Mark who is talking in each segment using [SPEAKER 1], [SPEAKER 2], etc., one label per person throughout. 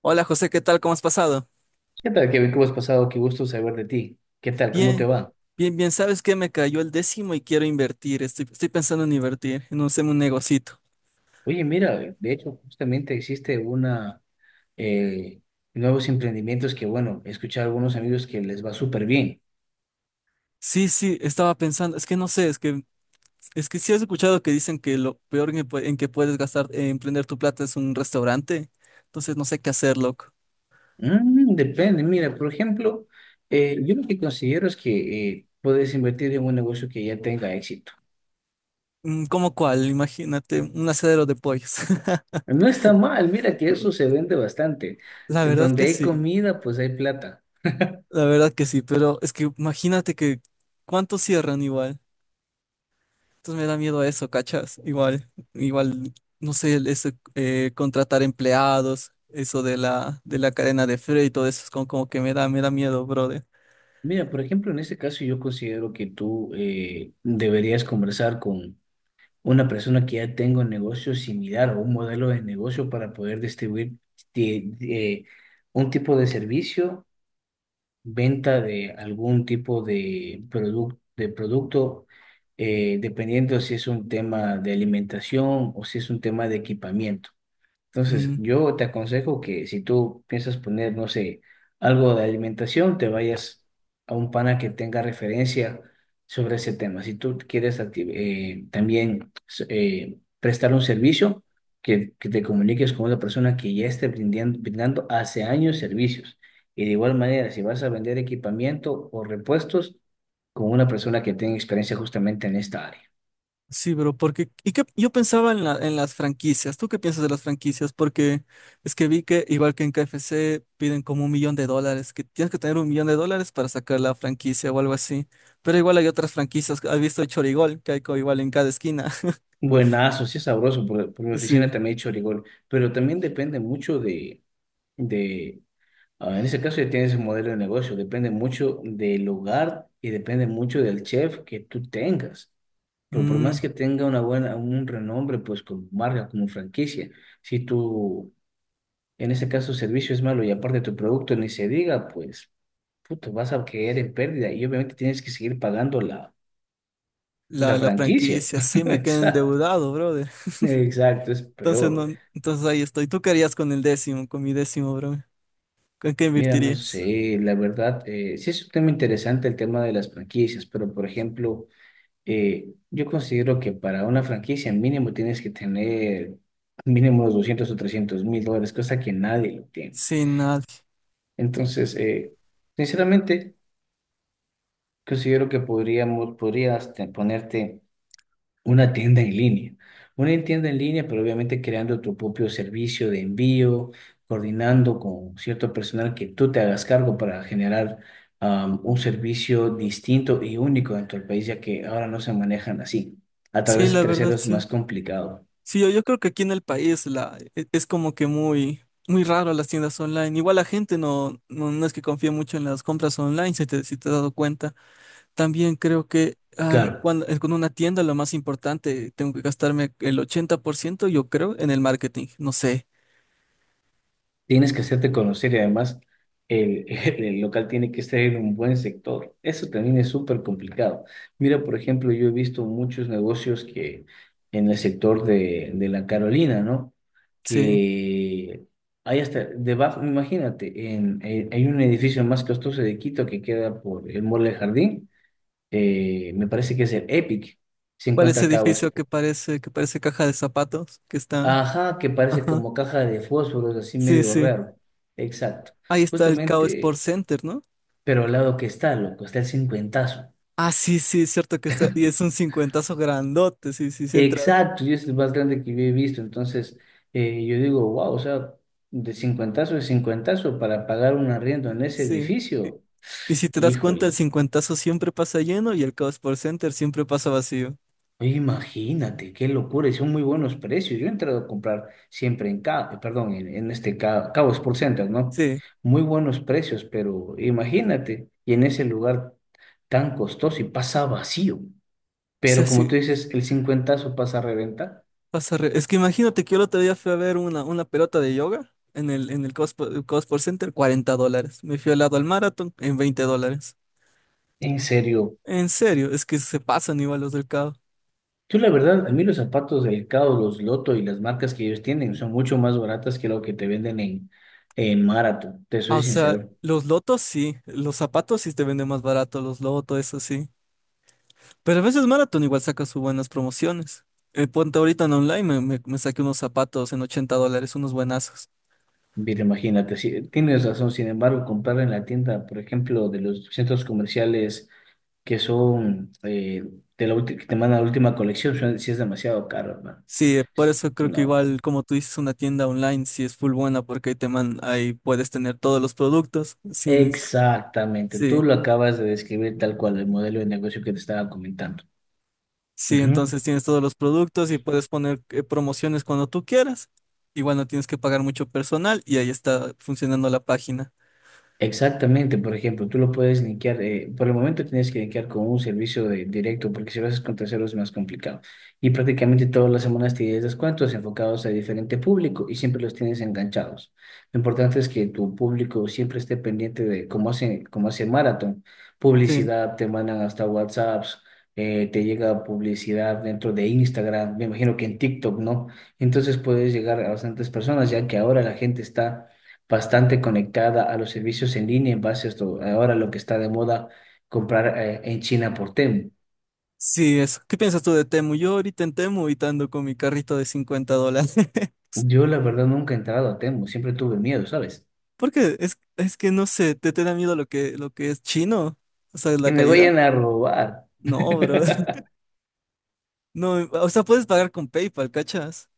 [SPEAKER 1] Hola José, ¿qué tal? ¿Cómo has pasado?
[SPEAKER 2] ¿Qué tal, Kevin? ¿Cómo has pasado? Qué gusto saber de ti. ¿Qué tal? ¿Cómo te
[SPEAKER 1] Bien,
[SPEAKER 2] va?
[SPEAKER 1] bien, bien. ¿Sabes qué? Me cayó el décimo y quiero invertir. Estoy pensando en invertir en un negocito.
[SPEAKER 2] Oye, mira, de hecho, justamente existe eh, nuevos emprendimientos que, bueno, he escuchado a algunos amigos que les va súper bien.
[SPEAKER 1] Sí, sí, estaba pensando. Es que no sé, es que sí has escuchado que dicen que lo peor en que, en que puedes gastar, emprender tu plata es un restaurante. Entonces no sé qué hacer, loco.
[SPEAKER 2] Mm, depende, mira, por ejemplo, yo lo que considero es que puedes invertir en un negocio que ya tenga éxito.
[SPEAKER 1] ¿Cómo cuál? Imagínate, un asadero de pollos.
[SPEAKER 2] No está mal, mira que eso se vende bastante.
[SPEAKER 1] La verdad
[SPEAKER 2] Donde
[SPEAKER 1] que
[SPEAKER 2] hay
[SPEAKER 1] sí,
[SPEAKER 2] comida, pues hay plata.
[SPEAKER 1] la verdad que sí. Pero es que imagínate que cuántos cierran igual. Entonces me da miedo eso, ¿cachas? Igual, no sé, ese, contratar empleados, eso de la cadena de frío y todo eso, es como que me da miedo, brother.
[SPEAKER 2] Mira, por ejemplo, en este caso yo considero que tú deberías conversar con una persona que ya tenga un negocio similar o un modelo de negocio para poder distribuir de un tipo de servicio, venta de algún tipo de, de producto, dependiendo si es un tema de alimentación o si es un tema de equipamiento. Entonces,
[SPEAKER 1] Mm,
[SPEAKER 2] yo te aconsejo que si tú piensas poner, no sé, algo de alimentación, te vayas a un pana que tenga referencia sobre ese tema. Si tú quieres también prestar un servicio, que te comuniques con una persona que ya esté brindando hace años servicios. Y de igual manera, si vas a vender equipamiento o repuestos, con una persona que tenga experiencia justamente en esta área.
[SPEAKER 1] sí, bro, porque, y que yo pensaba en las franquicias. ¿Tú qué piensas de las franquicias? Porque es que vi que, igual que en KFC, piden como $1 millón, que tienes que tener $1 millón para sacar la franquicia o algo así. Pero igual hay otras franquicias, has visto el Chorigol, que hay igual en cada esquina.
[SPEAKER 2] Buenazo, sí es sabroso, por mi oficina
[SPEAKER 1] Sí.
[SPEAKER 2] también he hecho rigor, pero también depende mucho de, ah, en ese caso ya tienes el modelo de negocio, depende mucho del lugar y depende mucho del chef que tú tengas. Pero por más
[SPEAKER 1] Mm,
[SPEAKER 2] que tenga un renombre, pues como marca, como franquicia, si tu, en ese caso, servicio es malo y aparte tu producto ni se diga, pues, puto, vas a caer en pérdida y obviamente tienes que seguir pagando la
[SPEAKER 1] la
[SPEAKER 2] franquicia.
[SPEAKER 1] franquicia, sí, me quedé
[SPEAKER 2] Exacto,
[SPEAKER 1] endeudado, brother.
[SPEAKER 2] exacto, es
[SPEAKER 1] Entonces,
[SPEAKER 2] peor.
[SPEAKER 1] no, entonces ahí estoy. ¿Tú qué harías con el décimo, con mi décimo, bro? ¿Con qué
[SPEAKER 2] Mira, no
[SPEAKER 1] invertirías?
[SPEAKER 2] sé, la verdad, sí es un tema interesante el tema de las franquicias, pero por ejemplo, yo considero que para una franquicia mínimo tienes que tener mínimo los $200,000 o $300,000, cosa que nadie lo tiene.
[SPEAKER 1] Sin nadie.
[SPEAKER 2] Entonces, sinceramente, considero que podrías ponerte una tienda en línea. Una tienda en línea, pero obviamente creando tu propio servicio de envío, coordinando con cierto personal que tú te hagas cargo para generar un servicio distinto y único dentro del país, ya que ahora no se manejan así. A
[SPEAKER 1] Sí,
[SPEAKER 2] través de
[SPEAKER 1] la verdad,
[SPEAKER 2] terceros es
[SPEAKER 1] sí.
[SPEAKER 2] más complicado.
[SPEAKER 1] Sí, yo creo que aquí en el país es como que muy, muy raro las tiendas online. Igual la gente no es que confíe mucho en las compras online, si te has dado cuenta. También creo que
[SPEAKER 2] Claro.
[SPEAKER 1] con una tienda lo más importante, tengo que gastarme el 80%, yo creo, en el marketing. No sé.
[SPEAKER 2] Tienes que hacerte conocer y además el, el local tiene que estar en un buen sector. Eso también es súper complicado. Mira, por ejemplo, yo he visto muchos negocios que en el sector de la Carolina, ¿no?
[SPEAKER 1] Sí.
[SPEAKER 2] Que hay hasta debajo, imagínate, hay un edificio más costoso de Quito que queda por el Mall del Jardín, me parece que es el Epic, se
[SPEAKER 1] ¿Cuál es
[SPEAKER 2] encuentra
[SPEAKER 1] ese
[SPEAKER 2] acá.
[SPEAKER 1] edificio que parece caja de zapatos? Que está.
[SPEAKER 2] Ajá, que parece
[SPEAKER 1] Ajá.
[SPEAKER 2] como caja de fósforos, así
[SPEAKER 1] Sí,
[SPEAKER 2] medio
[SPEAKER 1] sí.
[SPEAKER 2] raro. Exacto.
[SPEAKER 1] Ahí está el Kao Sport
[SPEAKER 2] Justamente,
[SPEAKER 1] Center, ¿no?
[SPEAKER 2] pero al lado que está, loco, está el cincuentazo.
[SPEAKER 1] Ah, sí, sí, es cierto que está. Y es un cincuentazo grandote, sí, sí, sí entras.
[SPEAKER 2] Exacto, y es el más grande que yo he visto. Entonces, yo digo, wow, o sea, de cincuentazo para pagar un arriendo en ese
[SPEAKER 1] Sí. Y,
[SPEAKER 2] edificio.
[SPEAKER 1] y si te das cuenta, el
[SPEAKER 2] Híjole,
[SPEAKER 1] cincuentazo siempre pasa lleno y el Kao Sport Center siempre pasa vacío.
[SPEAKER 2] oye, imagínate, qué locura, y son muy buenos precios. Yo he entrado a comprar siempre en Cabo, perdón, en este Cabo, Sport Center, ¿no?
[SPEAKER 1] Sí.
[SPEAKER 2] Muy buenos precios, pero imagínate, y en ese lugar tan costoso y pasa vacío.
[SPEAKER 1] O sea,
[SPEAKER 2] Pero como
[SPEAKER 1] sí,
[SPEAKER 2] tú dices, el cincuentazo pasa a reventar.
[SPEAKER 1] es que imagínate que yo el otro día fui a ver una pelota de yoga en el Kao Sport Center, $40. Me fui al lado al maratón en $20.
[SPEAKER 2] En serio,
[SPEAKER 1] En serio, es que se pasan igual los del Cabo.
[SPEAKER 2] yo la verdad, a mí los zapatos del Cabo, los Loto y las marcas que ellos tienen son mucho más baratas que lo que te venden en Marathon, te
[SPEAKER 1] Ah,
[SPEAKER 2] soy
[SPEAKER 1] o sea,
[SPEAKER 2] sincero.
[SPEAKER 1] los lotos sí, los zapatos sí te venden más barato, los lotos, eso sí. Pero a veces Marathon igual saca sus buenas promociones. Ponte ahorita en online, me saqué unos zapatos en $80, unos buenazos.
[SPEAKER 2] Mira, imagínate, sí, tienes razón, sin embargo, comprar en la tienda, por ejemplo, de los centros comerciales que son que te mandan la última colección, sí es demasiado caro, hermano.
[SPEAKER 1] Sí, por eso creo que
[SPEAKER 2] No,
[SPEAKER 1] igual, como tú dices, una tienda online sí es full buena porque ahí puedes tener todos los productos.
[SPEAKER 2] exactamente, tú
[SPEAKER 1] Sí,
[SPEAKER 2] lo acabas de describir tal cual, el modelo de negocio que te estaba comentando.
[SPEAKER 1] sí, entonces tienes todos los productos y puedes poner promociones cuando tú quieras. Igual no tienes que pagar mucho personal y ahí está funcionando la página.
[SPEAKER 2] Exactamente, por ejemplo, tú lo puedes linkear, por el momento tienes que linkear con un servicio directo, porque si lo haces con terceros es más complicado. Y prácticamente todas las semanas tienes descuentos enfocados a diferente público y siempre los tienes enganchados. Lo importante es que tu público siempre esté pendiente de cómo hace Marathon,
[SPEAKER 1] Sí.
[SPEAKER 2] publicidad, te mandan hasta WhatsApps, te llega publicidad dentro de Instagram, me imagino que en TikTok, ¿no? Entonces puedes llegar a bastantes personas, ya que ahora la gente está bastante conectada a los servicios en línea en base a esto, ahora lo que está de moda comprar en China por Temu.
[SPEAKER 1] Sí, eso. ¿Qué piensas tú de Temu? Yo ahorita en Temu y te ando con mi carrito de $50.
[SPEAKER 2] Yo la verdad nunca he entrado a Temu, siempre tuve miedo, ¿sabes?
[SPEAKER 1] Porque es que no sé, ¿te da miedo lo que es chino? O sea,
[SPEAKER 2] Que
[SPEAKER 1] la
[SPEAKER 2] me
[SPEAKER 1] calidad.
[SPEAKER 2] vayan a robar.
[SPEAKER 1] No, bro. No, o sea, puedes pagar con PayPal, ¿cachas?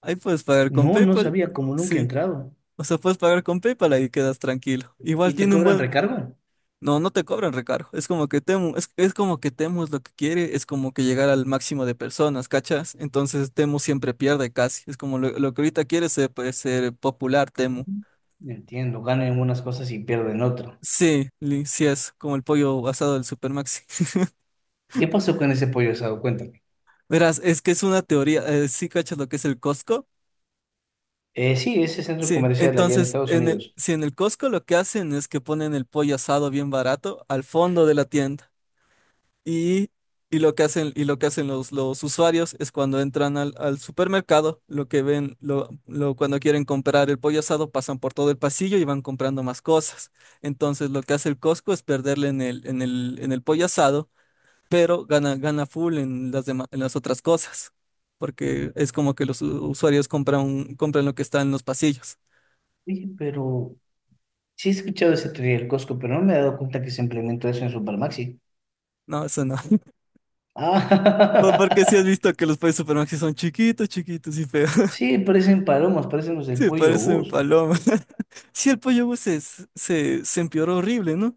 [SPEAKER 1] Ahí puedes pagar con
[SPEAKER 2] No, no
[SPEAKER 1] PayPal.
[SPEAKER 2] sabía como nunca he
[SPEAKER 1] Sí.
[SPEAKER 2] entrado.
[SPEAKER 1] O sea, puedes pagar con PayPal, ahí quedas tranquilo.
[SPEAKER 2] ¿Y
[SPEAKER 1] Igual
[SPEAKER 2] te
[SPEAKER 1] tiene un
[SPEAKER 2] cobran
[SPEAKER 1] buen.
[SPEAKER 2] recargo?
[SPEAKER 1] No, no te cobran recargo. Es como que Temu, es como que Temu es lo que quiere, es como que llegar al máximo de personas, ¿cachas? Entonces Temu siempre pierde casi. Es como lo que ahorita quiere ser, pues, ser popular Temu.
[SPEAKER 2] Ujú. Entiendo, ganan en unas cosas y pierden en otras.
[SPEAKER 1] Sí, sí es como el pollo asado del Supermaxi.
[SPEAKER 2] ¿Qué pasó con ese pollo asado? Cuéntame.
[SPEAKER 1] Verás, es que es una teoría. ¿Sí cachas lo que es el Costco?
[SPEAKER 2] Sí, ese centro
[SPEAKER 1] Sí,
[SPEAKER 2] comercial allá en
[SPEAKER 1] entonces
[SPEAKER 2] Estados
[SPEAKER 1] en el,
[SPEAKER 2] Unidos.
[SPEAKER 1] si en el Costco lo que hacen es que ponen el pollo asado bien barato al fondo de la tienda. Y, y lo que hacen, y lo que hacen los usuarios es cuando entran al supermercado, lo que ven, lo- cuando quieren comprar el pollo asado, pasan por todo el pasillo y van comprando más cosas. Entonces lo que hace el Costco es perderle en el pollo asado, pero gana full en las otras cosas. Porque es como que los usuarios compran lo que está en los pasillos.
[SPEAKER 2] Oye, pero sí he escuchado ese teoría del Costco, pero no me he dado cuenta que se implementó eso en Supermaxi.
[SPEAKER 1] No, eso no. Porque si has
[SPEAKER 2] Ah,
[SPEAKER 1] visto que los pollos supermercados son chiquitos, chiquitos y feos.
[SPEAKER 2] sí, parecen palomas, parecen los del
[SPEAKER 1] Sí,
[SPEAKER 2] pollo
[SPEAKER 1] parecen
[SPEAKER 2] Gus.
[SPEAKER 1] palomas. Sí, el pollo Gus se empeoró horrible, ¿no?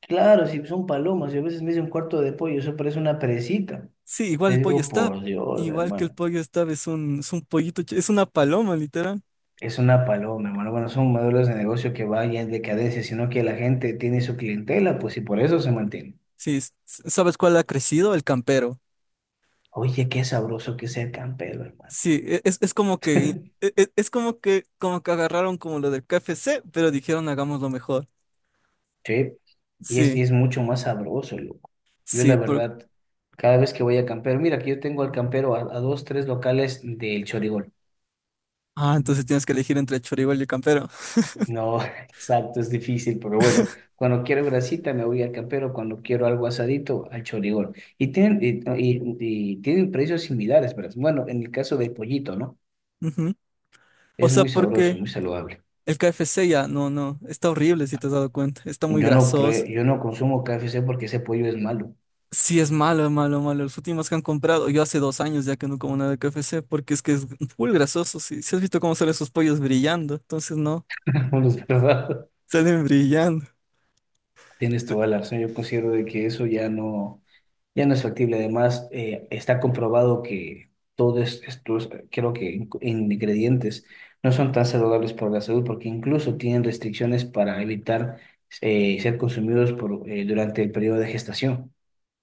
[SPEAKER 2] Claro, sí, son palomas. Yo a veces me hice un cuarto de pollo, eso parece una perecita.
[SPEAKER 1] Sí, igual
[SPEAKER 2] Le
[SPEAKER 1] el pollo
[SPEAKER 2] digo,
[SPEAKER 1] Stab.
[SPEAKER 2] por Dios,
[SPEAKER 1] Igual que el
[SPEAKER 2] hermano,
[SPEAKER 1] pollo Stab es un pollito, es una paloma, literal.
[SPEAKER 2] es una paloma, hermano. Bueno, son modelos de negocio que vayan en decadencia, sino que la gente tiene su clientela, pues, y por eso se mantiene.
[SPEAKER 1] Sí, ¿Sabes cuál ha crecido? El campero.
[SPEAKER 2] Oye, qué sabroso que es el campero, hermano.
[SPEAKER 1] Sí, como que agarraron como lo del KFC, pero dijeron hagámoslo mejor.
[SPEAKER 2] Sí, y
[SPEAKER 1] Sí,
[SPEAKER 2] es mucho más sabroso, loco. Yo, la
[SPEAKER 1] sí, por.
[SPEAKER 2] verdad, cada vez que voy a campero, mira, que yo tengo al campero a dos, tres locales del Chorigol.
[SPEAKER 1] Ah, entonces tienes que elegir entre el choribol y el campero.
[SPEAKER 2] No, exacto, es difícil, pero bueno, cuando quiero grasita me voy al campero, cuando quiero algo asadito al chorigol. Y tienen, y, no, y tienen precios similares, pero bueno, en el caso del pollito, ¿no?
[SPEAKER 1] Ujú. O
[SPEAKER 2] Es
[SPEAKER 1] sea,
[SPEAKER 2] muy sabroso,
[SPEAKER 1] porque
[SPEAKER 2] muy saludable.
[SPEAKER 1] el KFC ya, no, no, está horrible si te has dado cuenta, está muy
[SPEAKER 2] Yo no,
[SPEAKER 1] grasoso.
[SPEAKER 2] prue- yo no consumo KFC porque ese pollo es malo.
[SPEAKER 1] Sí, es malo, malo, malo. Los últimos que han comprado, yo hace 2 años ya que no como nada de KFC, porque es que es full grasoso. Si has visto cómo salen esos pollos brillando, entonces no,
[SPEAKER 2] ¿Verdad?
[SPEAKER 1] salen brillando.
[SPEAKER 2] Tienes toda la razón, yo considero de que eso ya no. Ya no es factible. Además, está comprobado que todos estos, creo que ingredientes, no son tan saludables para la salud porque incluso tienen restricciones para evitar ser consumidos por, durante el periodo de gestación.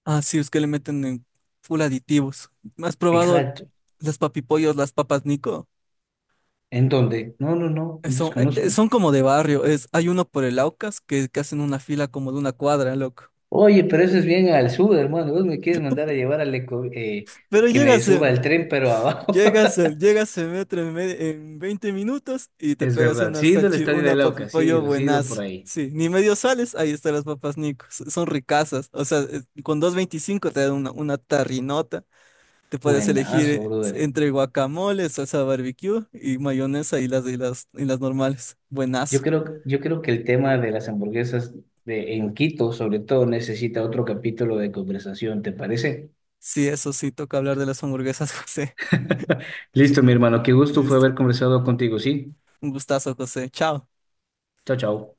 [SPEAKER 1] Ah, sí, es que le meten en full aditivos. ¿Has probado
[SPEAKER 2] Exacto.
[SPEAKER 1] las papipollos, las papas Nico?
[SPEAKER 2] ¿En dónde? No, no, no,
[SPEAKER 1] Son, eh, eh,
[SPEAKER 2] desconozco.
[SPEAKER 1] son como de barrio. Hay uno por el Aucas que hacen una fila como de una cuadra, loco.
[SPEAKER 2] Oye, pero eso es bien al sur, hermano. Vos me quieres mandar a llevar al eco,
[SPEAKER 1] Pero
[SPEAKER 2] que me
[SPEAKER 1] llegas,
[SPEAKER 2] suba el tren, pero abajo.
[SPEAKER 1] Llegas, al- llegas en metro en 20 minutos y te
[SPEAKER 2] Es
[SPEAKER 1] pegas
[SPEAKER 2] verdad.
[SPEAKER 1] una
[SPEAKER 2] Sí, he ido al
[SPEAKER 1] salchi,
[SPEAKER 2] estadio de
[SPEAKER 1] una papi
[SPEAKER 2] Lauca,
[SPEAKER 1] pollo
[SPEAKER 2] sí he ido por
[SPEAKER 1] buenazo.
[SPEAKER 2] ahí.
[SPEAKER 1] Sí, ni medio sales, ahí están las papas Nico. Son ricasas. O sea, con 2,25 te dan una tarrinota. Te puedes elegir
[SPEAKER 2] Buenazo, brother.
[SPEAKER 1] entre guacamole, salsa barbecue y mayonesa y las normales. Buenazo.
[SPEAKER 2] Yo creo que el tema de las hamburguesas en Quito, sobre todo, necesita otro capítulo de conversación, ¿te parece?
[SPEAKER 1] Sí, eso sí, toca hablar de las hamburguesas, José.
[SPEAKER 2] Listo, mi hermano, qué gusto fue
[SPEAKER 1] Listo.
[SPEAKER 2] haber conversado contigo, ¿sí?
[SPEAKER 1] Un gustazo, José. Chao.
[SPEAKER 2] Chao, chao.